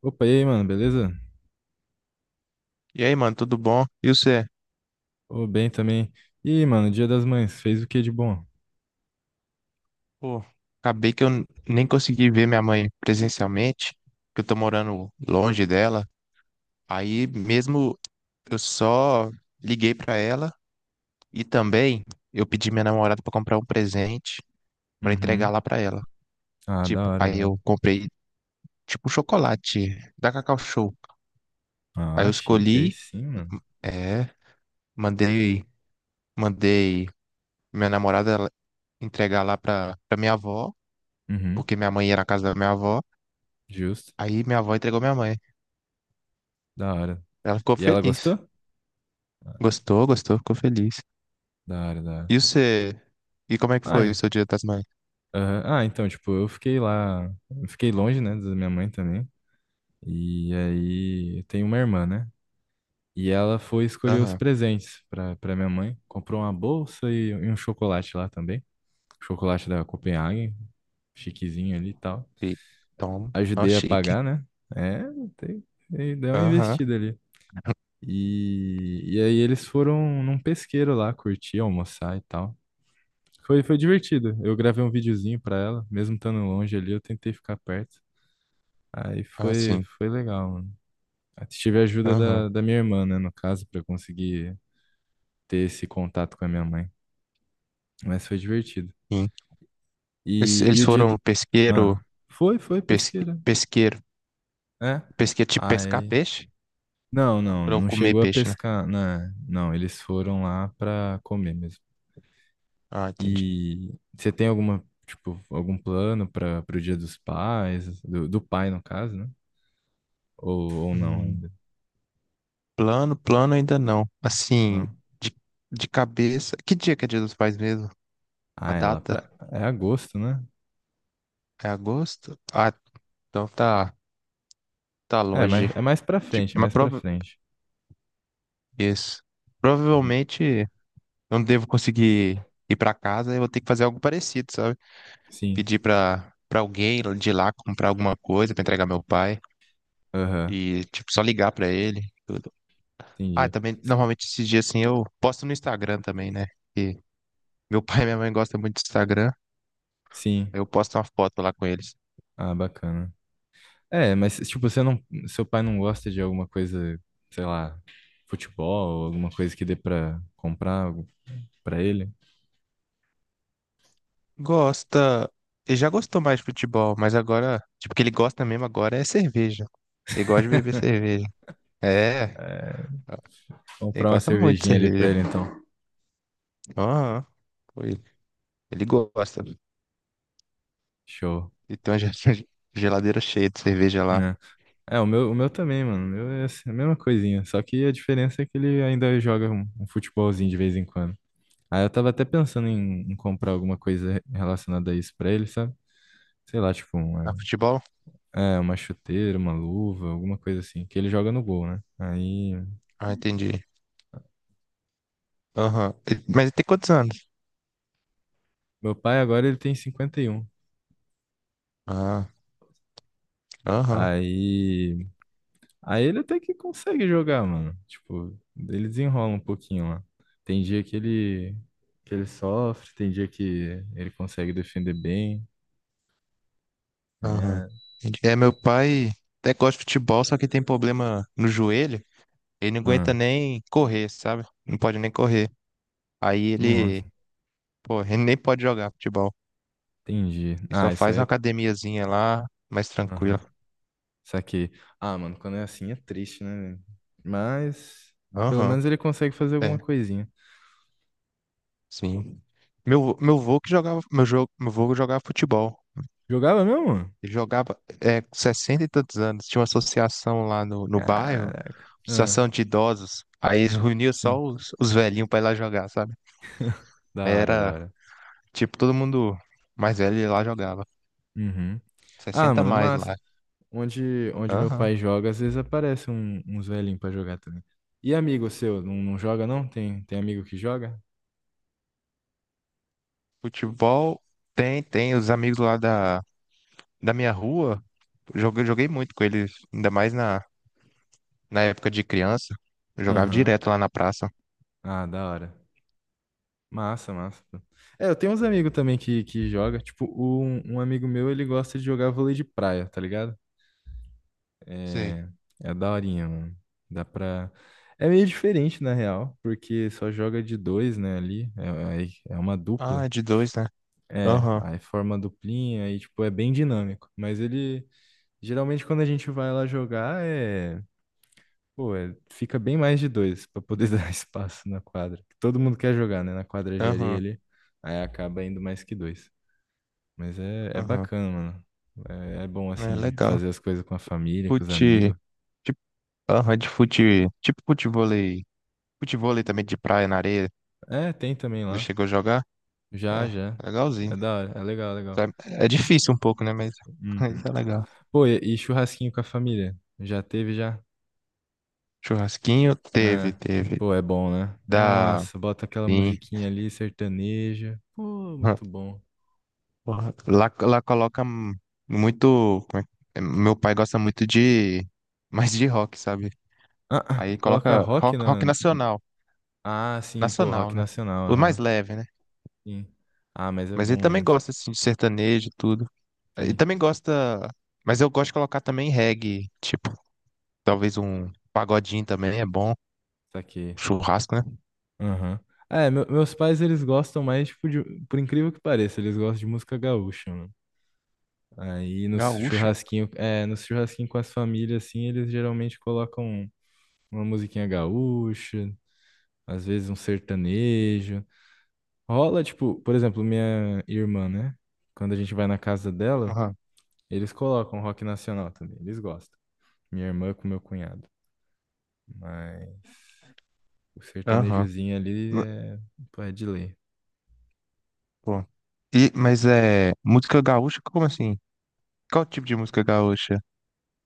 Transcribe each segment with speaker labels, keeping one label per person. Speaker 1: Opa, e aí, mano, beleza?
Speaker 2: E aí, mano, tudo bom? E você?
Speaker 1: Ô, bem também. E mano, Dia das Mães, fez o que de bom?
Speaker 2: Pô, acabei que eu nem consegui ver minha mãe presencialmente, que eu tô morando longe dela. Aí mesmo eu só liguei pra ela e também eu pedi minha namorada pra comprar um presente pra entregar
Speaker 1: Uhum.
Speaker 2: lá pra ela.
Speaker 1: Ah, da
Speaker 2: Tipo,
Speaker 1: hora, da
Speaker 2: aí eu
Speaker 1: hora.
Speaker 2: comprei tipo um chocolate da Cacau Show. Aí
Speaker 1: Ah,
Speaker 2: eu
Speaker 1: chique, aí
Speaker 2: escolhi,
Speaker 1: sim, mano.
Speaker 2: é, mandei, mandei minha namorada ela entregar lá pra minha avó,
Speaker 1: Uhum,
Speaker 2: porque minha mãe ia na casa da minha avó.
Speaker 1: justo.
Speaker 2: Aí minha avó entregou minha mãe.
Speaker 1: Da hora.
Speaker 2: Ela ficou
Speaker 1: E ela
Speaker 2: feliz.
Speaker 1: gostou? Ah,
Speaker 2: Gostou, gostou, ficou feliz.
Speaker 1: da hora, da hora.
Speaker 2: E você? E como é que foi o
Speaker 1: Ai,
Speaker 2: seu Dia das Mães?
Speaker 1: aham. Ah, então, tipo, eu fiquei lá, eu fiquei longe, né, da minha mãe também. E aí, eu tenho uma irmã, né? E ela foi escolher os
Speaker 2: Aham.
Speaker 1: presentes pra minha mãe. Comprou uma bolsa e um chocolate lá também. Chocolate da Copenhagen, chiquezinho ali e tal.
Speaker 2: E Tom, ó,
Speaker 1: Ajudei a
Speaker 2: chique.
Speaker 1: pagar, né? É, tem, deu uma
Speaker 2: Aham.
Speaker 1: investida ali. E aí eles foram num pesqueiro lá, curtir, almoçar e tal. Foi divertido. Eu gravei um videozinho pra ela, mesmo estando longe ali, eu tentei ficar perto. Aí
Speaker 2: Ah,
Speaker 1: foi,
Speaker 2: sim.
Speaker 1: foi legal, mano. Aí tive a ajuda
Speaker 2: Aham.
Speaker 1: da minha irmã, né, no caso, pra conseguir ter esse contato com a minha mãe. Mas foi divertido.
Speaker 2: Sim. Eles,
Speaker 1: E
Speaker 2: eles
Speaker 1: o dia
Speaker 2: foram
Speaker 1: do...
Speaker 2: pesqueiro,
Speaker 1: Ah, foi
Speaker 2: pesque,
Speaker 1: pesqueira.
Speaker 2: pesqueiro,
Speaker 1: É.
Speaker 2: pesqueiro, tipo pescar
Speaker 1: Aí...
Speaker 2: peixe?
Speaker 1: Não,
Speaker 2: Foram
Speaker 1: não
Speaker 2: comer
Speaker 1: chegou a
Speaker 2: peixe, né?
Speaker 1: pescar, né? Não, eles foram lá pra comer mesmo.
Speaker 2: Ah, entendi.
Speaker 1: E você tem alguma, tipo, algum plano para pro Dia dos Pais, do pai no caso, né? Ou não,
Speaker 2: Hum,
Speaker 1: ainda,
Speaker 2: Plano, plano ainda não. Assim,
Speaker 1: não?
Speaker 2: de, de cabeça. Que dia que é Dia dos Pais mesmo? A
Speaker 1: Ah, é lá
Speaker 2: data?
Speaker 1: pra, é agosto, né?
Speaker 2: É agosto? Ah, então tá, tá
Speaker 1: É, mas
Speaker 2: longe.
Speaker 1: é mais pra
Speaker 2: Tipo,
Speaker 1: frente, é
Speaker 2: mas
Speaker 1: mais pra frente.
Speaker 2: isso.
Speaker 1: Uhum.
Speaker 2: Provavelmente eu não devo conseguir ir para casa, eu vou ter que fazer algo parecido, sabe?
Speaker 1: Sim,
Speaker 2: Pedir para alguém de lá comprar alguma coisa para entregar meu pai
Speaker 1: aham,
Speaker 2: e tipo só ligar para ele. Tudo. Ah,
Speaker 1: entendi.
Speaker 2: também
Speaker 1: S-
Speaker 2: normalmente esses dias assim eu posto no Instagram também, né? E meu pai e minha mãe gostam muito do Instagram,
Speaker 1: Sim,
Speaker 2: aí eu posto uma foto lá com eles.
Speaker 1: ah, bacana. É, mas tipo, você não, seu pai não gosta de alguma coisa, sei lá, futebol, alguma coisa que dê pra comprar algo pra ele?
Speaker 2: Gosta, ele já gostou mais de futebol, mas agora, tipo, o que ele gosta mesmo agora é cerveja. Ele gosta de beber cerveja. É,
Speaker 1: É,
Speaker 2: ele
Speaker 1: comprar uma
Speaker 2: gosta muito de
Speaker 1: cervejinha ali pra
Speaker 2: cerveja.
Speaker 1: ele, então.
Speaker 2: Aham, foi. Ele gosta.
Speaker 1: Show.
Speaker 2: E tem uma geladeira cheia de cerveja lá.
Speaker 1: Né? É, o meu também, mano. O meu é assim, a mesma coisinha. Só que a diferença é que ele ainda joga um futebolzinho de vez em quando. Aí eu tava até pensando em comprar alguma coisa relacionada a isso pra ele, sabe? Sei lá, tipo,
Speaker 2: Na futebol?
Speaker 1: é, uma chuteira, uma luva, alguma coisa assim. Que ele joga no gol, né? Aí.
Speaker 2: Ah, entendi. Aham. Mas ele tem quantos anos?
Speaker 1: Meu pai agora ele tem 51.
Speaker 2: Ah, aham,
Speaker 1: Aí. Aí ele até que consegue jogar, mano. Tipo, ele desenrola um pouquinho lá. Tem dia que ele sofre, tem dia que ele consegue defender bem.
Speaker 2: aham.
Speaker 1: É,
Speaker 2: Entendi. É, meu pai até gosta de futebol, só que tem problema no joelho. Ele não aguenta
Speaker 1: ah,
Speaker 2: nem correr, sabe? Não pode nem correr. Aí
Speaker 1: nossa,
Speaker 2: ele, pô, ele nem pode jogar futebol.
Speaker 1: entendi.
Speaker 2: E só
Speaker 1: Ah, isso
Speaker 2: faz
Speaker 1: aí
Speaker 2: uma
Speaker 1: é.
Speaker 2: academiazinha lá, mais
Speaker 1: Aham,
Speaker 2: tranquila.
Speaker 1: saquei. Ah, mano, quando é assim é triste, né, velho? Mas pelo
Speaker 2: Aham,
Speaker 1: menos ele consegue fazer
Speaker 2: é,
Speaker 1: alguma coisinha.
Speaker 2: sim. Meu vô que jogava, meu vô jogava futebol.
Speaker 1: Jogava mesmo?
Speaker 2: Ele jogava com 60 e tantos anos. Tinha uma associação lá no bairro,
Speaker 1: Caraca. Ah,
Speaker 2: associação de idosos. Aí eles reuniam
Speaker 1: sim,
Speaker 2: só os velhinhos pra ir lá jogar, sabe? Aí
Speaker 1: da hora, da
Speaker 2: era,
Speaker 1: hora.
Speaker 2: tipo, todo mundo mais velho ia lá jogava.
Speaker 1: Uhum. Ah,
Speaker 2: Sessenta a
Speaker 1: mano, é
Speaker 2: mais
Speaker 1: massa.
Speaker 2: lá.
Speaker 1: Onde meu
Speaker 2: Aham.
Speaker 1: pai joga, às vezes aparece um, uns velhinhos pra jogar também. E amigo seu, não, não joga não? Tem, tem amigo que joga?
Speaker 2: Futebol tem, tem. Os amigos lá da minha rua, joguei muito com eles, ainda mais na época de criança, eu jogava
Speaker 1: Aham.
Speaker 2: direto lá na praça.
Speaker 1: Ah, da hora. Massa, massa, pô. É, eu tenho uns amigos também que joga. Tipo, um amigo meu, ele gosta de jogar vôlei de praia, tá ligado?
Speaker 2: Sei.
Speaker 1: É, é daorinha, mano. Dá pra... É meio diferente, na real, porque só joga de dois, né, ali. É, é uma
Speaker 2: Ah,
Speaker 1: dupla.
Speaker 2: é de dois, né?
Speaker 1: É,
Speaker 2: Aham,
Speaker 1: aí forma a duplinha, aí, tipo, é bem dinâmico. Mas ele... Geralmente quando a gente vai lá jogar pô, fica bem mais de dois pra poder dar espaço na quadra. Todo mundo quer jogar, né? Na quadra de areia
Speaker 2: aham,
Speaker 1: ali, aí acaba indo mais que dois. Mas é
Speaker 2: aham.
Speaker 1: bacana, mano. É bom
Speaker 2: É
Speaker 1: assim de
Speaker 2: legal.
Speaker 1: fazer as coisas com a família, com os
Speaker 2: Fute.
Speaker 1: amigos.
Speaker 2: Tipo, aham, de fute. Tipo futevôlei. Futevôlei também de praia, na areia.
Speaker 1: É, tem também
Speaker 2: Não
Speaker 1: lá.
Speaker 2: chegou a jogar? É,
Speaker 1: Já, já.
Speaker 2: é legalzinho.
Speaker 1: É da hora, é legal, legal.
Speaker 2: Sabe? É
Speaker 1: Chu-
Speaker 2: difícil um pouco, né?
Speaker 1: Uhum.
Speaker 2: Mas é legal.
Speaker 1: Pô, e churrasquinho com a família? Já teve já?
Speaker 2: Churrasquinho teve,
Speaker 1: Ah,
Speaker 2: teve.
Speaker 1: pô, é bom, né?
Speaker 2: Da.
Speaker 1: Nossa, bota aquela
Speaker 2: Sim.
Speaker 1: musiquinha ali, sertaneja. Pô, muito bom.
Speaker 2: Porra, Lá coloca muito. Meu pai gosta muito de. Mais de rock, sabe?
Speaker 1: Ah,
Speaker 2: Aí
Speaker 1: coloca
Speaker 2: coloca
Speaker 1: rock
Speaker 2: rock,
Speaker 1: na.
Speaker 2: rock nacional.
Speaker 1: Ah, sim, pô,
Speaker 2: Nacional,
Speaker 1: rock
Speaker 2: né?
Speaker 1: nacional,
Speaker 2: O mais
Speaker 1: aham.
Speaker 2: leve, né?
Speaker 1: Sim. Ah, mas é
Speaker 2: Mas ele
Speaker 1: bom,
Speaker 2: também
Speaker 1: mano.
Speaker 2: gosta, assim, de sertanejo e tudo. Ele
Speaker 1: Sim,
Speaker 2: também gosta. Mas eu gosto de colocar também reggae. Tipo, talvez um pagodinho também é bom.
Speaker 1: saquei.
Speaker 2: Churrasco, né?
Speaker 1: Aham. É, meus pais, eles gostam mais, tipo, de. Por incrível que pareça, eles gostam de música gaúcha, mano. Aí no
Speaker 2: Gaúcha.
Speaker 1: churrasquinho, é, no churrasquinho com as famílias, assim, eles geralmente colocam uma musiquinha gaúcha, às vezes um sertanejo. Rola, tipo, por exemplo, minha irmã, né? Quando a gente vai na casa dela,
Speaker 2: Aham.
Speaker 1: eles colocam rock nacional também, eles gostam. Minha irmã com meu cunhado. Mas o
Speaker 2: Aham.
Speaker 1: sertanejozinho ali
Speaker 2: Ma-
Speaker 1: é, pô, é de lei.
Speaker 2: Pô. E, mas é. Música gaúcha? Como assim? Qual tipo de música gaúcha?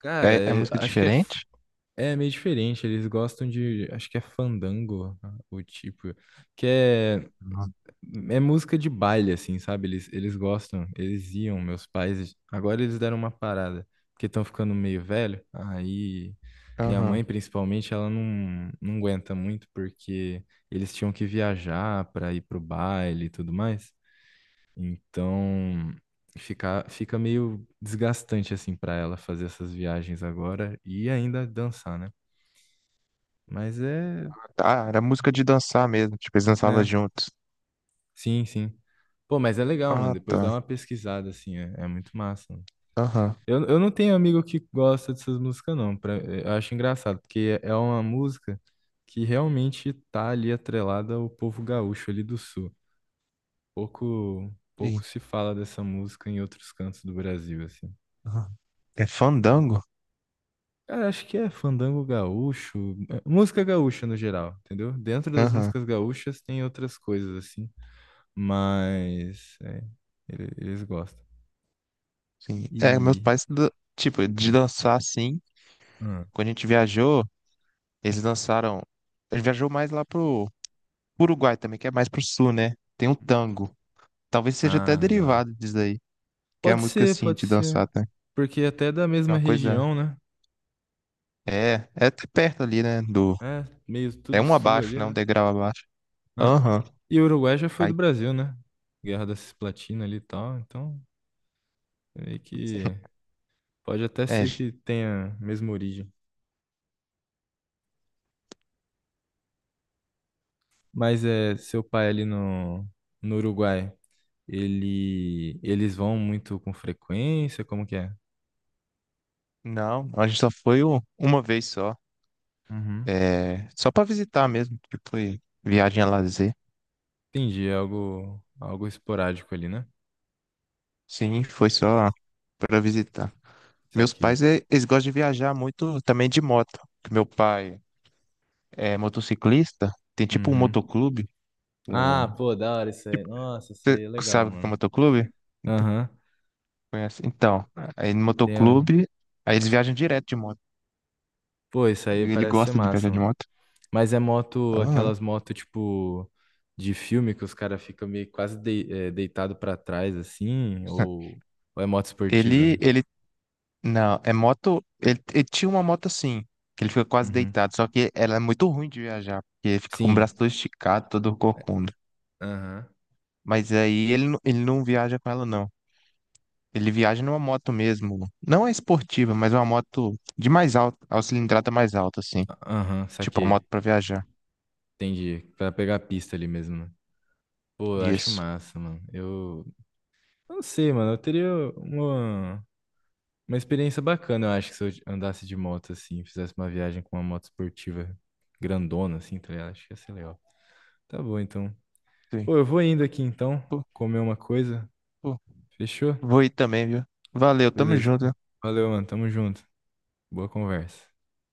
Speaker 1: Cara,
Speaker 2: É música
Speaker 1: acho que é,
Speaker 2: diferente?
Speaker 1: é meio diferente. Eles gostam de. Acho que é fandango, ah, o tipo. Que é,
Speaker 2: Uhum.
Speaker 1: é música de baile, assim, sabe? Eles gostam. Eles iam, meus pais. Agora eles deram uma parada. Porque estão ficando meio velho. Aí. Minha
Speaker 2: Aham.
Speaker 1: mãe, principalmente, ela não, não aguenta muito porque eles tinham que viajar para ir pro baile e tudo mais. Então, fica meio desgastante assim para ela fazer essas viagens agora e ainda dançar, né? Mas é,
Speaker 2: Ah, era música de dançar mesmo. Tipo, eles dançavam
Speaker 1: né?
Speaker 2: juntos.
Speaker 1: Sim, sim. Pô, mas é legal, mano.
Speaker 2: Ah,
Speaker 1: Depois
Speaker 2: tá.
Speaker 1: dá uma pesquisada assim, é, é muito massa, mano.
Speaker 2: Aham.
Speaker 1: Eu não tenho amigo que gosta dessas músicas, não. Pra, eu acho engraçado, porque é uma música que realmente tá ali atrelada ao povo gaúcho ali do sul. Pouco
Speaker 2: Ih,
Speaker 1: se fala dessa música em outros cantos do Brasil, assim.
Speaker 2: aham. É fandango?
Speaker 1: Cara, acho que é fandango gaúcho, é, música gaúcha no geral, entendeu? Dentro das
Speaker 2: Aham.
Speaker 1: músicas gaúchas tem outras coisas assim, mas é, eles gostam.
Speaker 2: Sim. É, meus
Speaker 1: E
Speaker 2: pais, tipo, de dançar assim.
Speaker 1: hum,
Speaker 2: Quando a gente viajou, eles dançaram. A gente viajou mais lá pro Uruguai também, que é mais pro sul, né? Tem um tango. Talvez seja até
Speaker 1: ah, da hora.
Speaker 2: derivado disso aí. Que é a música assim,
Speaker 1: Pode
Speaker 2: de dançar,
Speaker 1: ser,
Speaker 2: tá?
Speaker 1: porque até é da
Speaker 2: É
Speaker 1: mesma
Speaker 2: uma coisa.
Speaker 1: região, né?
Speaker 2: É até perto ali, né? Do.
Speaker 1: É, meio
Speaker 2: É
Speaker 1: tudo
Speaker 2: um
Speaker 1: sul
Speaker 2: abaixo,
Speaker 1: ali,
Speaker 2: né? Um
Speaker 1: né?
Speaker 2: degrau abaixo.
Speaker 1: Ah,
Speaker 2: Aham.
Speaker 1: e o Uruguai já foi
Speaker 2: Aí.
Speaker 1: do Brasil, né? Guerra da Cisplatina ali e tal, então meio que pode até
Speaker 2: É,
Speaker 1: ser que tenha a mesma origem. Mas é seu pai ali no Uruguai, ele eles vão muito com frequência? Como que é?
Speaker 2: não, a gente só foi uma vez só.
Speaker 1: Uhum.
Speaker 2: É, só pra visitar mesmo, que foi viagem a lazer.
Speaker 1: Entendi, é algo algo esporádico ali, né?
Speaker 2: Sim, foi só pra visitar.
Speaker 1: Isso
Speaker 2: Meus
Speaker 1: aqui.
Speaker 2: pais, eles gostam de viajar muito também de moto. Que meu pai é motociclista, tem tipo um
Speaker 1: Uhum.
Speaker 2: motoclube.
Speaker 1: Ah,
Speaker 2: É.
Speaker 1: pô, da hora isso aí.
Speaker 2: Tipo,
Speaker 1: Nossa, isso
Speaker 2: você
Speaker 1: aí é legal,
Speaker 2: sabe o que é
Speaker 1: mano.
Speaker 2: motoclube? Então,
Speaker 1: Aham.
Speaker 2: conhece? Então, aí no
Speaker 1: Tem a-
Speaker 2: motoclube, aí eles viajam direto de moto.
Speaker 1: Pô, isso aí
Speaker 2: Ele
Speaker 1: parece ser
Speaker 2: gosta de viajar
Speaker 1: massa,
Speaker 2: de
Speaker 1: mano.
Speaker 2: moto.
Speaker 1: Mas é moto,
Speaker 2: Aham.
Speaker 1: aquelas motos tipo de filme que os caras ficam meio quase dei, deitado para trás assim, ou é moto esportiva?
Speaker 2: Ele não, é moto. Ele tinha uma moto assim, que ele fica quase
Speaker 1: Uhum.
Speaker 2: deitado, só que ela é muito ruim de viajar, porque ele fica com o
Speaker 1: Sim.
Speaker 2: braço todo esticado, todo corcunda.
Speaker 1: Aham.
Speaker 2: Mas aí ele não viaja com ela, não. Ele viaja numa moto mesmo. Não é esportiva, mas uma moto de mais alta, a cilindrada mais alta, assim.
Speaker 1: Aham,
Speaker 2: Tipo, uma
Speaker 1: saquei.
Speaker 2: moto pra viajar.
Speaker 1: Entendi. Pra pegar a pista ali mesmo, né? Pô, eu acho
Speaker 2: Isso.
Speaker 1: massa, mano. Eu não sei, mano. Eu teria uma, uma experiência bacana, eu acho, que se eu andasse de moto assim, fizesse uma viagem com uma moto esportiva grandona, assim, tá ligado? Acho que ia ser legal. Tá bom, então.
Speaker 2: Sim.
Speaker 1: Pô, eu vou indo aqui então,
Speaker 2: Pô,
Speaker 1: comer uma coisa.
Speaker 2: pô.
Speaker 1: Fechou?
Speaker 2: Vou ir também, viu? Valeu, tamo
Speaker 1: Beleza.
Speaker 2: junto.
Speaker 1: Valeu, mano. Tamo junto. Boa conversa.